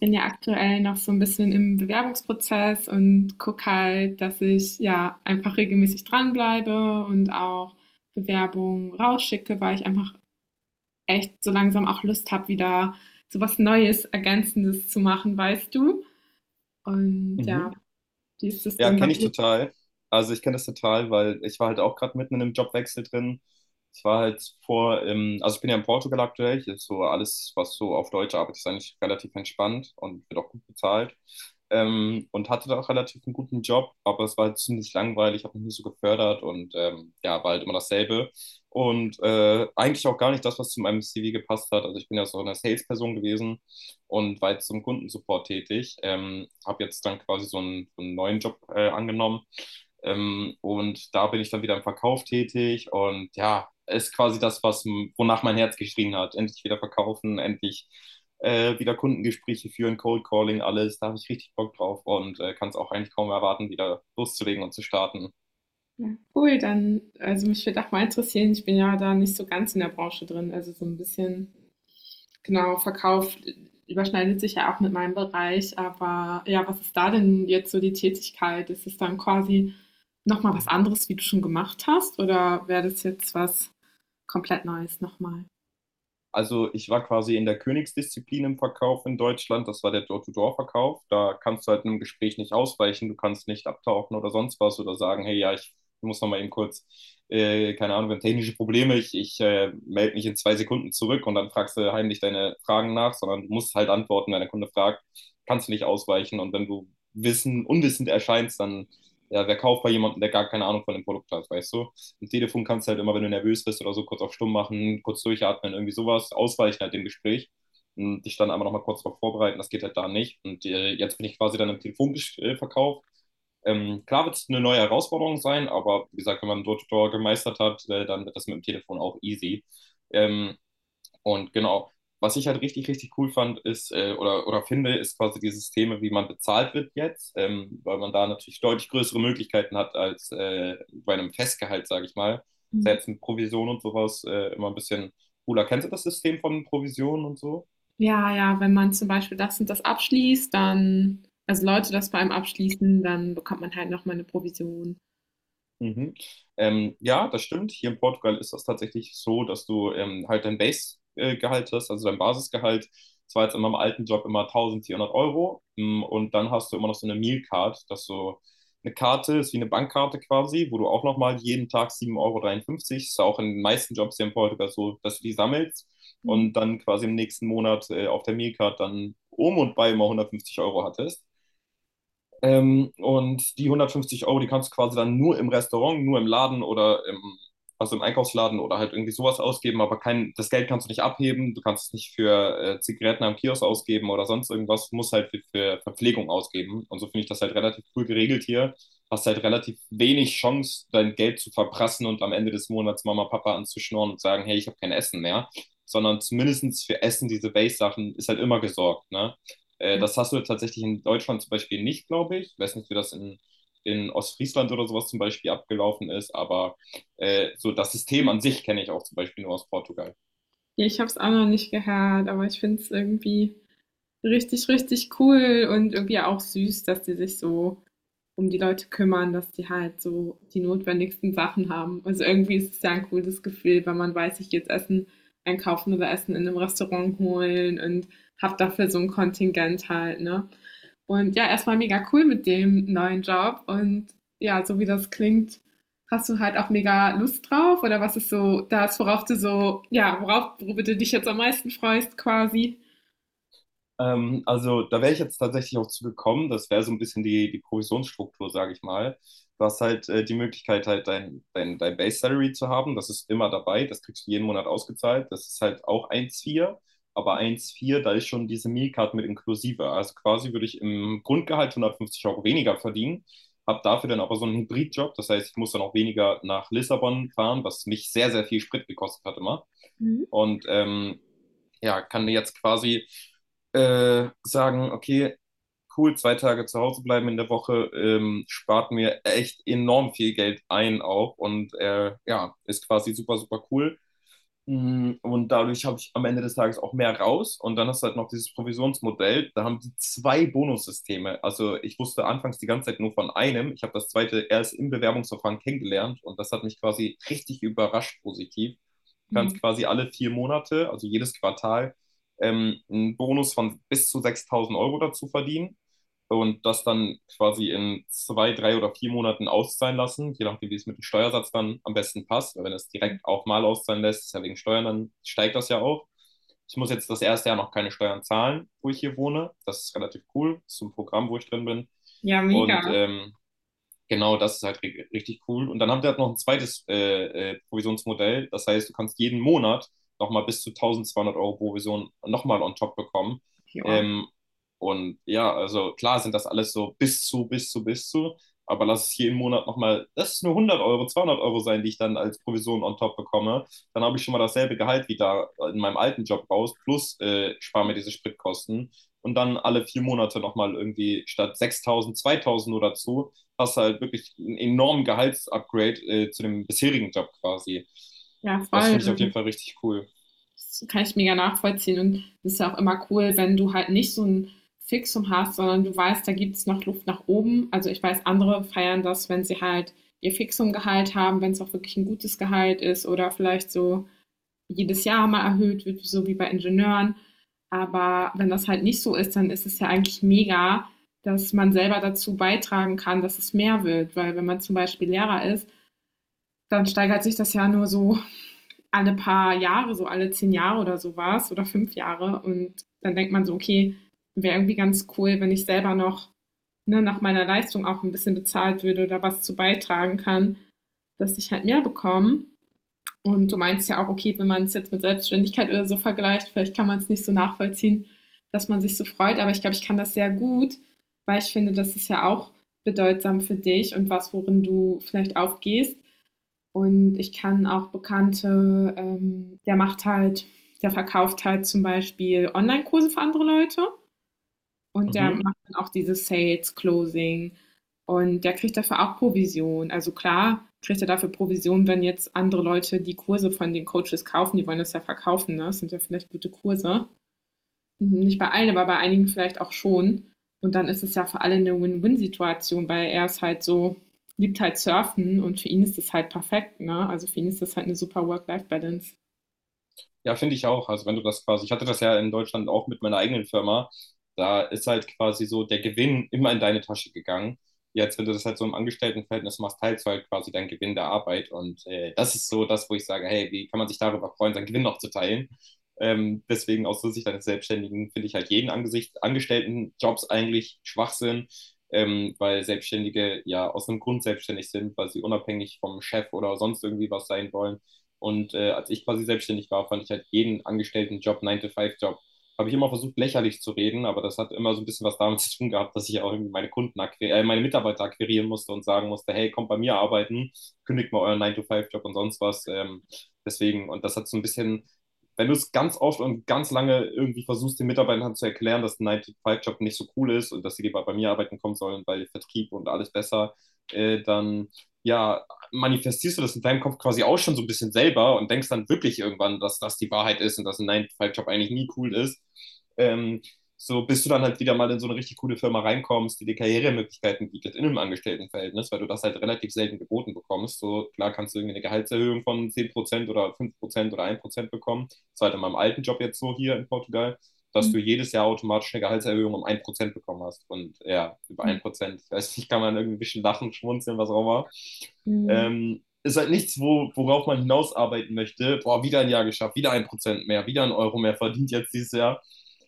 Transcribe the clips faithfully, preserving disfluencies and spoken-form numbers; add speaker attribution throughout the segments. Speaker 1: Bin ja aktuell noch so ein bisschen im Bewerbungsprozess und gucke halt, dass ich ja einfach regelmäßig dranbleibe und auch Bewerbungen rausschicke, weil ich einfach echt so langsam auch Lust habe, wieder so was Neues, Ergänzendes zu machen, weißt du? Und
Speaker 2: Mhm.
Speaker 1: ja, wie ist das
Speaker 2: Ja,
Speaker 1: denn bei
Speaker 2: kenne ich
Speaker 1: dir?
Speaker 2: total. Also ich kenne das total, weil ich war halt auch gerade mitten in einem Jobwechsel drin. Ich war halt vor, im, also ich bin ja in Portugal aktuell. Hier ist so alles, was so auf Deutsch arbeitet, ist eigentlich relativ entspannt und wird auch gut bezahlt. Ähm, und hatte da auch relativ einen guten Job, aber es war halt ziemlich langweilig, habe mich nicht so gefördert und ähm, ja, war halt immer dasselbe. Und äh, eigentlich auch gar nicht das, was zu meinem C V gepasst hat. Also ich bin ja so eine Salesperson gewesen und war jetzt zum Kundensupport tätig. Ähm, habe jetzt dann quasi so einen, so einen neuen Job äh, angenommen. Ähm, und da bin ich dann wieder im Verkauf tätig und ja, ist quasi das, was, wonach mein Herz geschrien hat. Endlich wieder verkaufen, endlich äh, wieder Kundengespräche führen, Cold Calling, alles. Da habe ich richtig Bock drauf und äh, kann es auch eigentlich kaum erwarten, wieder loszulegen und zu starten.
Speaker 1: Ja, cool, dann, also mich würde auch mal interessieren, ich bin ja da nicht so ganz in der Branche drin, also so ein bisschen genau, Verkauf überschneidet sich ja auch mit meinem Bereich, aber ja, was ist da denn jetzt so die Tätigkeit? Ist es dann quasi noch mal was anderes, wie du schon gemacht hast, oder wäre das jetzt was komplett Neues noch mal?
Speaker 2: Also ich war quasi in der Königsdisziplin im Verkauf in Deutschland. Das war der Door-to-Door-Verkauf. Da kannst du halt einem Gespräch nicht ausweichen. Du kannst nicht abtauchen oder sonst was oder sagen, hey, ja, ich muss noch mal eben kurz, äh, keine Ahnung, wir haben technische Probleme. Ich, ich äh, melde mich in zwei Sekunden zurück und dann fragst du heimlich deine Fragen nach, sondern du musst halt antworten, wenn der Kunde fragt, kannst du nicht ausweichen. Und wenn du wissen, unwissend erscheinst, dann, ja, wer kauft bei jemandem, der gar keine Ahnung von dem Produkt hat, weißt du? Am Telefon kannst du halt immer, wenn du nervös bist oder so, kurz auf stumm machen, kurz durchatmen, irgendwie sowas, ausweichen halt dem Gespräch und dich dann aber nochmal kurz darauf vorbereiten, das geht halt da nicht. Und äh, jetzt bin ich quasi dann im Telefonverkauf. Ähm, klar wird es eine neue Herausforderung sein, aber wie gesagt, wenn man dort gemeistert hat, äh, dann wird das mit dem Telefon auch easy. Ähm, und genau, was ich halt richtig, richtig cool fand, ist äh, oder, oder finde, ist quasi die Systeme, wie man bezahlt wird jetzt, ähm, weil man da natürlich deutlich größere Möglichkeiten hat als äh, bei einem Festgehalt, sage ich mal.
Speaker 1: Mhm.
Speaker 2: Selbst mit Provision und sowas äh, immer ein bisschen cooler. Kennst du das System von Provisionen und so?
Speaker 1: Ja, ja, wenn man zum Beispiel das und das abschließt, dann also Leute das bei einem abschließen, dann bekommt man halt noch mal 'ne Provision.
Speaker 2: Mhm. Ähm, ja, das stimmt. Hier in Portugal ist das tatsächlich so, dass du ähm, halt dein Base-Gehalt hast, also dein Basisgehalt. Das war jetzt in meinem alten Job immer eintausendvierhundert Euro. Mm. Und dann hast du immer noch so eine Meal Card, dass so eine Karte ist wie eine Bankkarte quasi, wo du auch nochmal jeden Tag sieben Euro dreiundfünfzig ist auch in den meisten Jobs hier in Portugal so, dass du die sammelst
Speaker 1: Mhm.
Speaker 2: und dann quasi im nächsten Monat äh, auf der Meal Card dann um und bei immer hundertfünfzig Euro hattest. Ähm, und die hundertfünfzig Euro, die kannst du quasi dann nur im Restaurant, nur im Laden oder im, also im Einkaufsladen oder halt irgendwie sowas ausgeben, aber kein, das Geld kannst du nicht abheben, du kannst es nicht für äh, Zigaretten am Kiosk ausgeben oder sonst irgendwas, du musst halt für, für Verpflegung ausgeben. Und so finde ich das halt relativ cool geregelt hier. Hast halt relativ wenig Chance, dein Geld zu verprassen und am Ende des Monats Mama, Papa anzuschnorren und sagen, hey, ich habe kein Essen mehr. Sondern zumindest für Essen, diese Base-Sachen, ist halt immer gesorgt, ne? Äh, das hast du tatsächlich in Deutschland zum Beispiel nicht, glaube ich. Ich weiß nicht, wie das in, in Ostfriesland oder sowas zum Beispiel abgelaufen ist, aber äh, so das System an sich kenne ich auch zum Beispiel nur aus Portugal.
Speaker 1: Ja, ich habe es auch noch nicht gehört, aber ich finde es irgendwie richtig, richtig cool und irgendwie auch süß, dass die sich so um die Leute kümmern, dass die halt so die notwendigsten Sachen haben. Also irgendwie ist es ja ein cooles Gefühl, wenn man weiß, ich gehe jetzt Essen einkaufen oder Essen in einem Restaurant holen und habe dafür so ein Kontingent halt, ne? Und ja, erstmal mega cool mit dem neuen Job und ja, so wie das klingt, hast du halt auch mega Lust drauf oder was ist so das, worauf du so, ja, worauf, worüber du dich jetzt am meisten freust quasi?
Speaker 2: Ähm, also da wäre ich jetzt tatsächlich auch zugekommen. Das wäre so ein bisschen die, die Provisionsstruktur, sage ich mal. Du hast halt äh, die Möglichkeit, halt dein, dein, dein Base Salary zu haben. Das ist immer dabei. Das kriegst du jeden Monat ausgezahlt. Das ist halt auch eins Komma vier. Aber eins Komma vier da ist schon diese Meal Card mit inklusive. Also quasi würde ich im Grundgehalt hundertfünfzig Euro weniger verdienen. Hab dafür dann aber so einen Hybridjob. Das heißt, ich muss dann auch weniger nach Lissabon fahren, was mich sehr, sehr viel Sprit gekostet hat immer.
Speaker 1: Mhm.
Speaker 2: Und ähm, ja, kann jetzt quasi äh, sagen, okay, cool, zwei Tage zu Hause bleiben in der Woche, ähm, spart mir echt enorm viel Geld ein auch und äh, ja, ist quasi super, super cool. Mm. Und dadurch habe ich am Ende des Tages auch mehr raus. Und dann hast du halt noch dieses Provisionsmodell. Da haben die zwei Bonussysteme. Also ich wusste anfangs die ganze Zeit nur von einem. Ich habe das zweite erst im Bewerbungsverfahren kennengelernt. Und das hat mich quasi richtig überrascht positiv. Du kannst quasi alle vier Monate, also jedes Quartal, ähm, einen Bonus von bis zu sechstausend Euro dazu verdienen und das dann quasi in zwei, drei oder vier Monaten auszahlen lassen, je nachdem, wie es mit dem Steuersatz dann am besten passt. Weil wenn es direkt auch mal auszahlen lässt, ist ja wegen Steuern, dann steigt das ja auch. Ich muss jetzt das erste Jahr noch keine Steuern zahlen, wo ich hier wohne. Das ist relativ cool. Das ist ein Programm, wo ich drin bin.
Speaker 1: Ja, mega.
Speaker 2: Und ähm, Genau, das ist halt ri- richtig cool. Und dann haben die halt noch ein zweites äh, äh, Provisionsmodell. Das heißt, du kannst jeden Monat nochmal bis zu eintausendzweihundert Euro Provision nochmal on top bekommen.
Speaker 1: Ja,
Speaker 2: Ähm, und ja, also klar sind das alles so bis zu, bis zu, bis zu. Aber lass es jeden Monat nochmal, das ist nur hundert Euro, zweihundert Euro sein, die ich dann als Provision on top bekomme. Dann habe ich schon mal dasselbe Gehalt wie da in meinem alten Job raus, plus äh, spare mir diese Spritkosten. Und dann alle vier Monate nochmal irgendwie statt sechstausend zweitausend oder so hast du halt wirklich einen enormen Gehaltsupgrade äh, zu dem bisherigen Job quasi.
Speaker 1: ja
Speaker 2: Das finde ich auf jeden
Speaker 1: voll.
Speaker 2: Fall richtig cool.
Speaker 1: Das kann ich mega nachvollziehen. Und es ist ja auch immer cool, wenn du halt nicht so ein Fixum hast, sondern du weißt, da gibt es noch Luft nach oben. Also ich weiß, andere feiern das, wenn sie halt ihr Fixum-Gehalt haben, wenn es auch wirklich ein gutes Gehalt ist oder vielleicht so jedes Jahr mal erhöht wird, so wie bei Ingenieuren. Aber wenn das halt nicht so ist, dann ist es ja eigentlich mega, dass man selber dazu beitragen kann, dass es mehr wird. Weil wenn man zum Beispiel Lehrer ist, dann steigert sich das ja nur so alle paar Jahre, so alle zehn Jahre oder sowas oder fünf Jahre. Und dann denkt man so, okay, wäre irgendwie ganz cool, wenn ich selber noch ne, nach meiner Leistung auch ein bisschen bezahlt würde oder was zu beitragen kann, dass ich halt mehr bekomme. Und du meinst ja auch, okay, wenn man es jetzt mit Selbstständigkeit oder so vergleicht, vielleicht kann man es nicht so nachvollziehen, dass man sich so freut. Aber ich glaube, ich kann das sehr gut, weil ich finde, das ist ja auch bedeutsam für dich und was, worin du vielleicht aufgehst. Und ich kann auch Bekannte, ähm, der macht halt der verkauft halt zum Beispiel Online-Kurse für andere Leute und der
Speaker 2: Mhm.
Speaker 1: macht dann auch dieses Sales, Closing und der kriegt dafür auch Provision. Also klar kriegt er dafür Provision, wenn jetzt andere Leute die Kurse von den Coaches kaufen, die wollen das ja verkaufen, ne? Das sind ja vielleicht gute Kurse. Mhm, nicht bei allen, aber bei einigen vielleicht auch schon. Und dann ist es ja für alle eine Win-Win-Situation, weil er ist halt so liebt halt Surfen und für ihn ist das halt perfekt, ne? Also, für ihn ist das halt eine super Work-Life-Balance.
Speaker 2: Ja, finde ich auch. Also wenn du das quasi, ich hatte das ja in Deutschland auch mit meiner eigenen Firma, da ist halt quasi so der Gewinn immer in deine Tasche gegangen. Jetzt, wenn du das halt so im Angestelltenverhältnis machst, teilst du halt quasi deinen Gewinn der Arbeit. Und äh, das ist so das, wo ich sage, hey, wie kann man sich darüber freuen, seinen Gewinn noch zu teilen? Ähm, deswegen aus der Sicht eines Selbstständigen finde ich halt jeden Angesicht, Angestelltenjobs eigentlich Schwachsinn, ähm, weil Selbstständige ja aus einem Grund selbstständig sind, weil sie unabhängig vom Chef oder sonst irgendwie was sein wollen. Und äh, als ich quasi selbstständig war, fand ich halt jeden angestellten Job, nine to Five job habe ich immer versucht, lächerlich zu reden, aber das hat immer so ein bisschen was damit zu tun gehabt, dass ich auch irgendwie meine Kunden akquir- äh, meine Mitarbeiter akquirieren musste und sagen musste, hey, kommt bei mir arbeiten, kündigt mal euren nine to Five job und sonst was. Ähm, deswegen, und das hat so ein bisschen, wenn du es ganz oft und ganz lange irgendwie versuchst, den Mitarbeitern zu erklären, dass ein nine to Five job nicht so cool ist und dass sie lieber bei mir arbeiten kommen sollen, weil Vertrieb und alles besser, äh, dann ja, manifestierst du das in deinem Kopf quasi auch schon so ein bisschen selber und denkst dann wirklich irgendwann, dass das die Wahrheit ist und dass ein nine-to five job eigentlich nie cool ist. Ähm, so bis du dann halt wieder mal in so eine richtig coole Firma reinkommst, die dir Karrieremöglichkeiten bietet in einem Angestelltenverhältnis, weil du das halt relativ selten geboten bekommst. So klar kannst du irgendwie eine Gehaltserhöhung von zehn Prozent oder fünf Prozent oder ein Prozent bekommen. Das war halt in meinem alten Job jetzt so hier in Portugal, dass
Speaker 1: Mhm.
Speaker 2: du jedes Jahr automatisch eine Gehaltserhöhung um ein Prozent bekommen hast. Und ja, über ein Prozent, ich weiß nicht, kann man irgendwie ein bisschen lachen, schmunzeln, was auch immer. Ähm, ist halt nichts, wo, worauf man hinausarbeiten möchte. Boah, wieder ein Jahr geschafft, wieder ein Prozent mehr, wieder ein Euro mehr verdient jetzt dieses Jahr.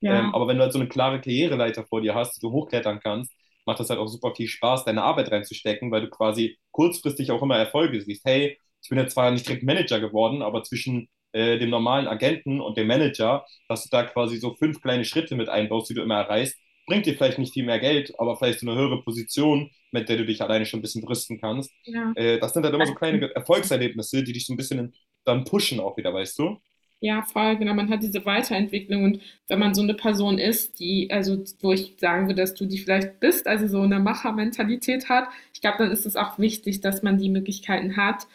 Speaker 1: Ja,
Speaker 2: Ähm, aber wenn du halt so eine klare Karriereleiter vor dir hast, die du hochklettern kannst, macht das halt auch super viel Spaß, deine Arbeit reinzustecken, weil du quasi kurzfristig auch immer Erfolge siehst. Hey, ich bin jetzt zwar nicht direkt Manager geworden, aber zwischen äh, dem normalen Agenten und dem Manager, dass du da quasi so fünf kleine Schritte mit einbaust, die du immer erreichst, bringt dir vielleicht nicht viel mehr Geld, aber vielleicht so eine höhere Position, mit der du dich alleine schon ein bisschen brüsten kannst.
Speaker 1: ja.
Speaker 2: Äh, das sind dann immer so kleine Erfolgserlebnisse, die dich so ein bisschen dann pushen auch wieder, weißt du?
Speaker 1: Ja, voll, genau. Man hat diese Weiterentwicklung und wenn man so eine Person ist, die, also wo ich sagen würde, dass du die vielleicht bist, also so eine Machermentalität hat, ich glaube, dann ist es auch wichtig, dass man die Möglichkeiten hat.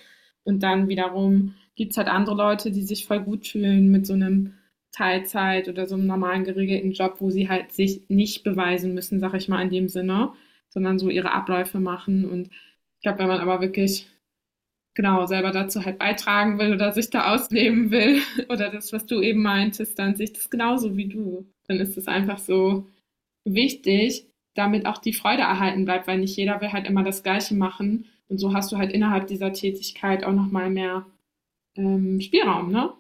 Speaker 1: Und dann wiederum gibt es halt andere Leute, die sich voll gut fühlen mit so einem Teilzeit oder so einem normalen geregelten Job, wo sie halt sich nicht beweisen müssen, sag ich mal in dem Sinne, sondern so ihre Abläufe machen. Und ich glaube, wenn man aber wirklich genau, selber dazu halt beitragen will oder sich da ausleben will oder das, was du eben meintest, dann sehe ich das genauso wie du. Dann ist es einfach so wichtig, damit auch die Freude erhalten bleibt, weil nicht jeder will halt immer das Gleiche machen. Und so hast du halt innerhalb dieser Tätigkeit auch nochmal mehr ähm, Spielraum, ne?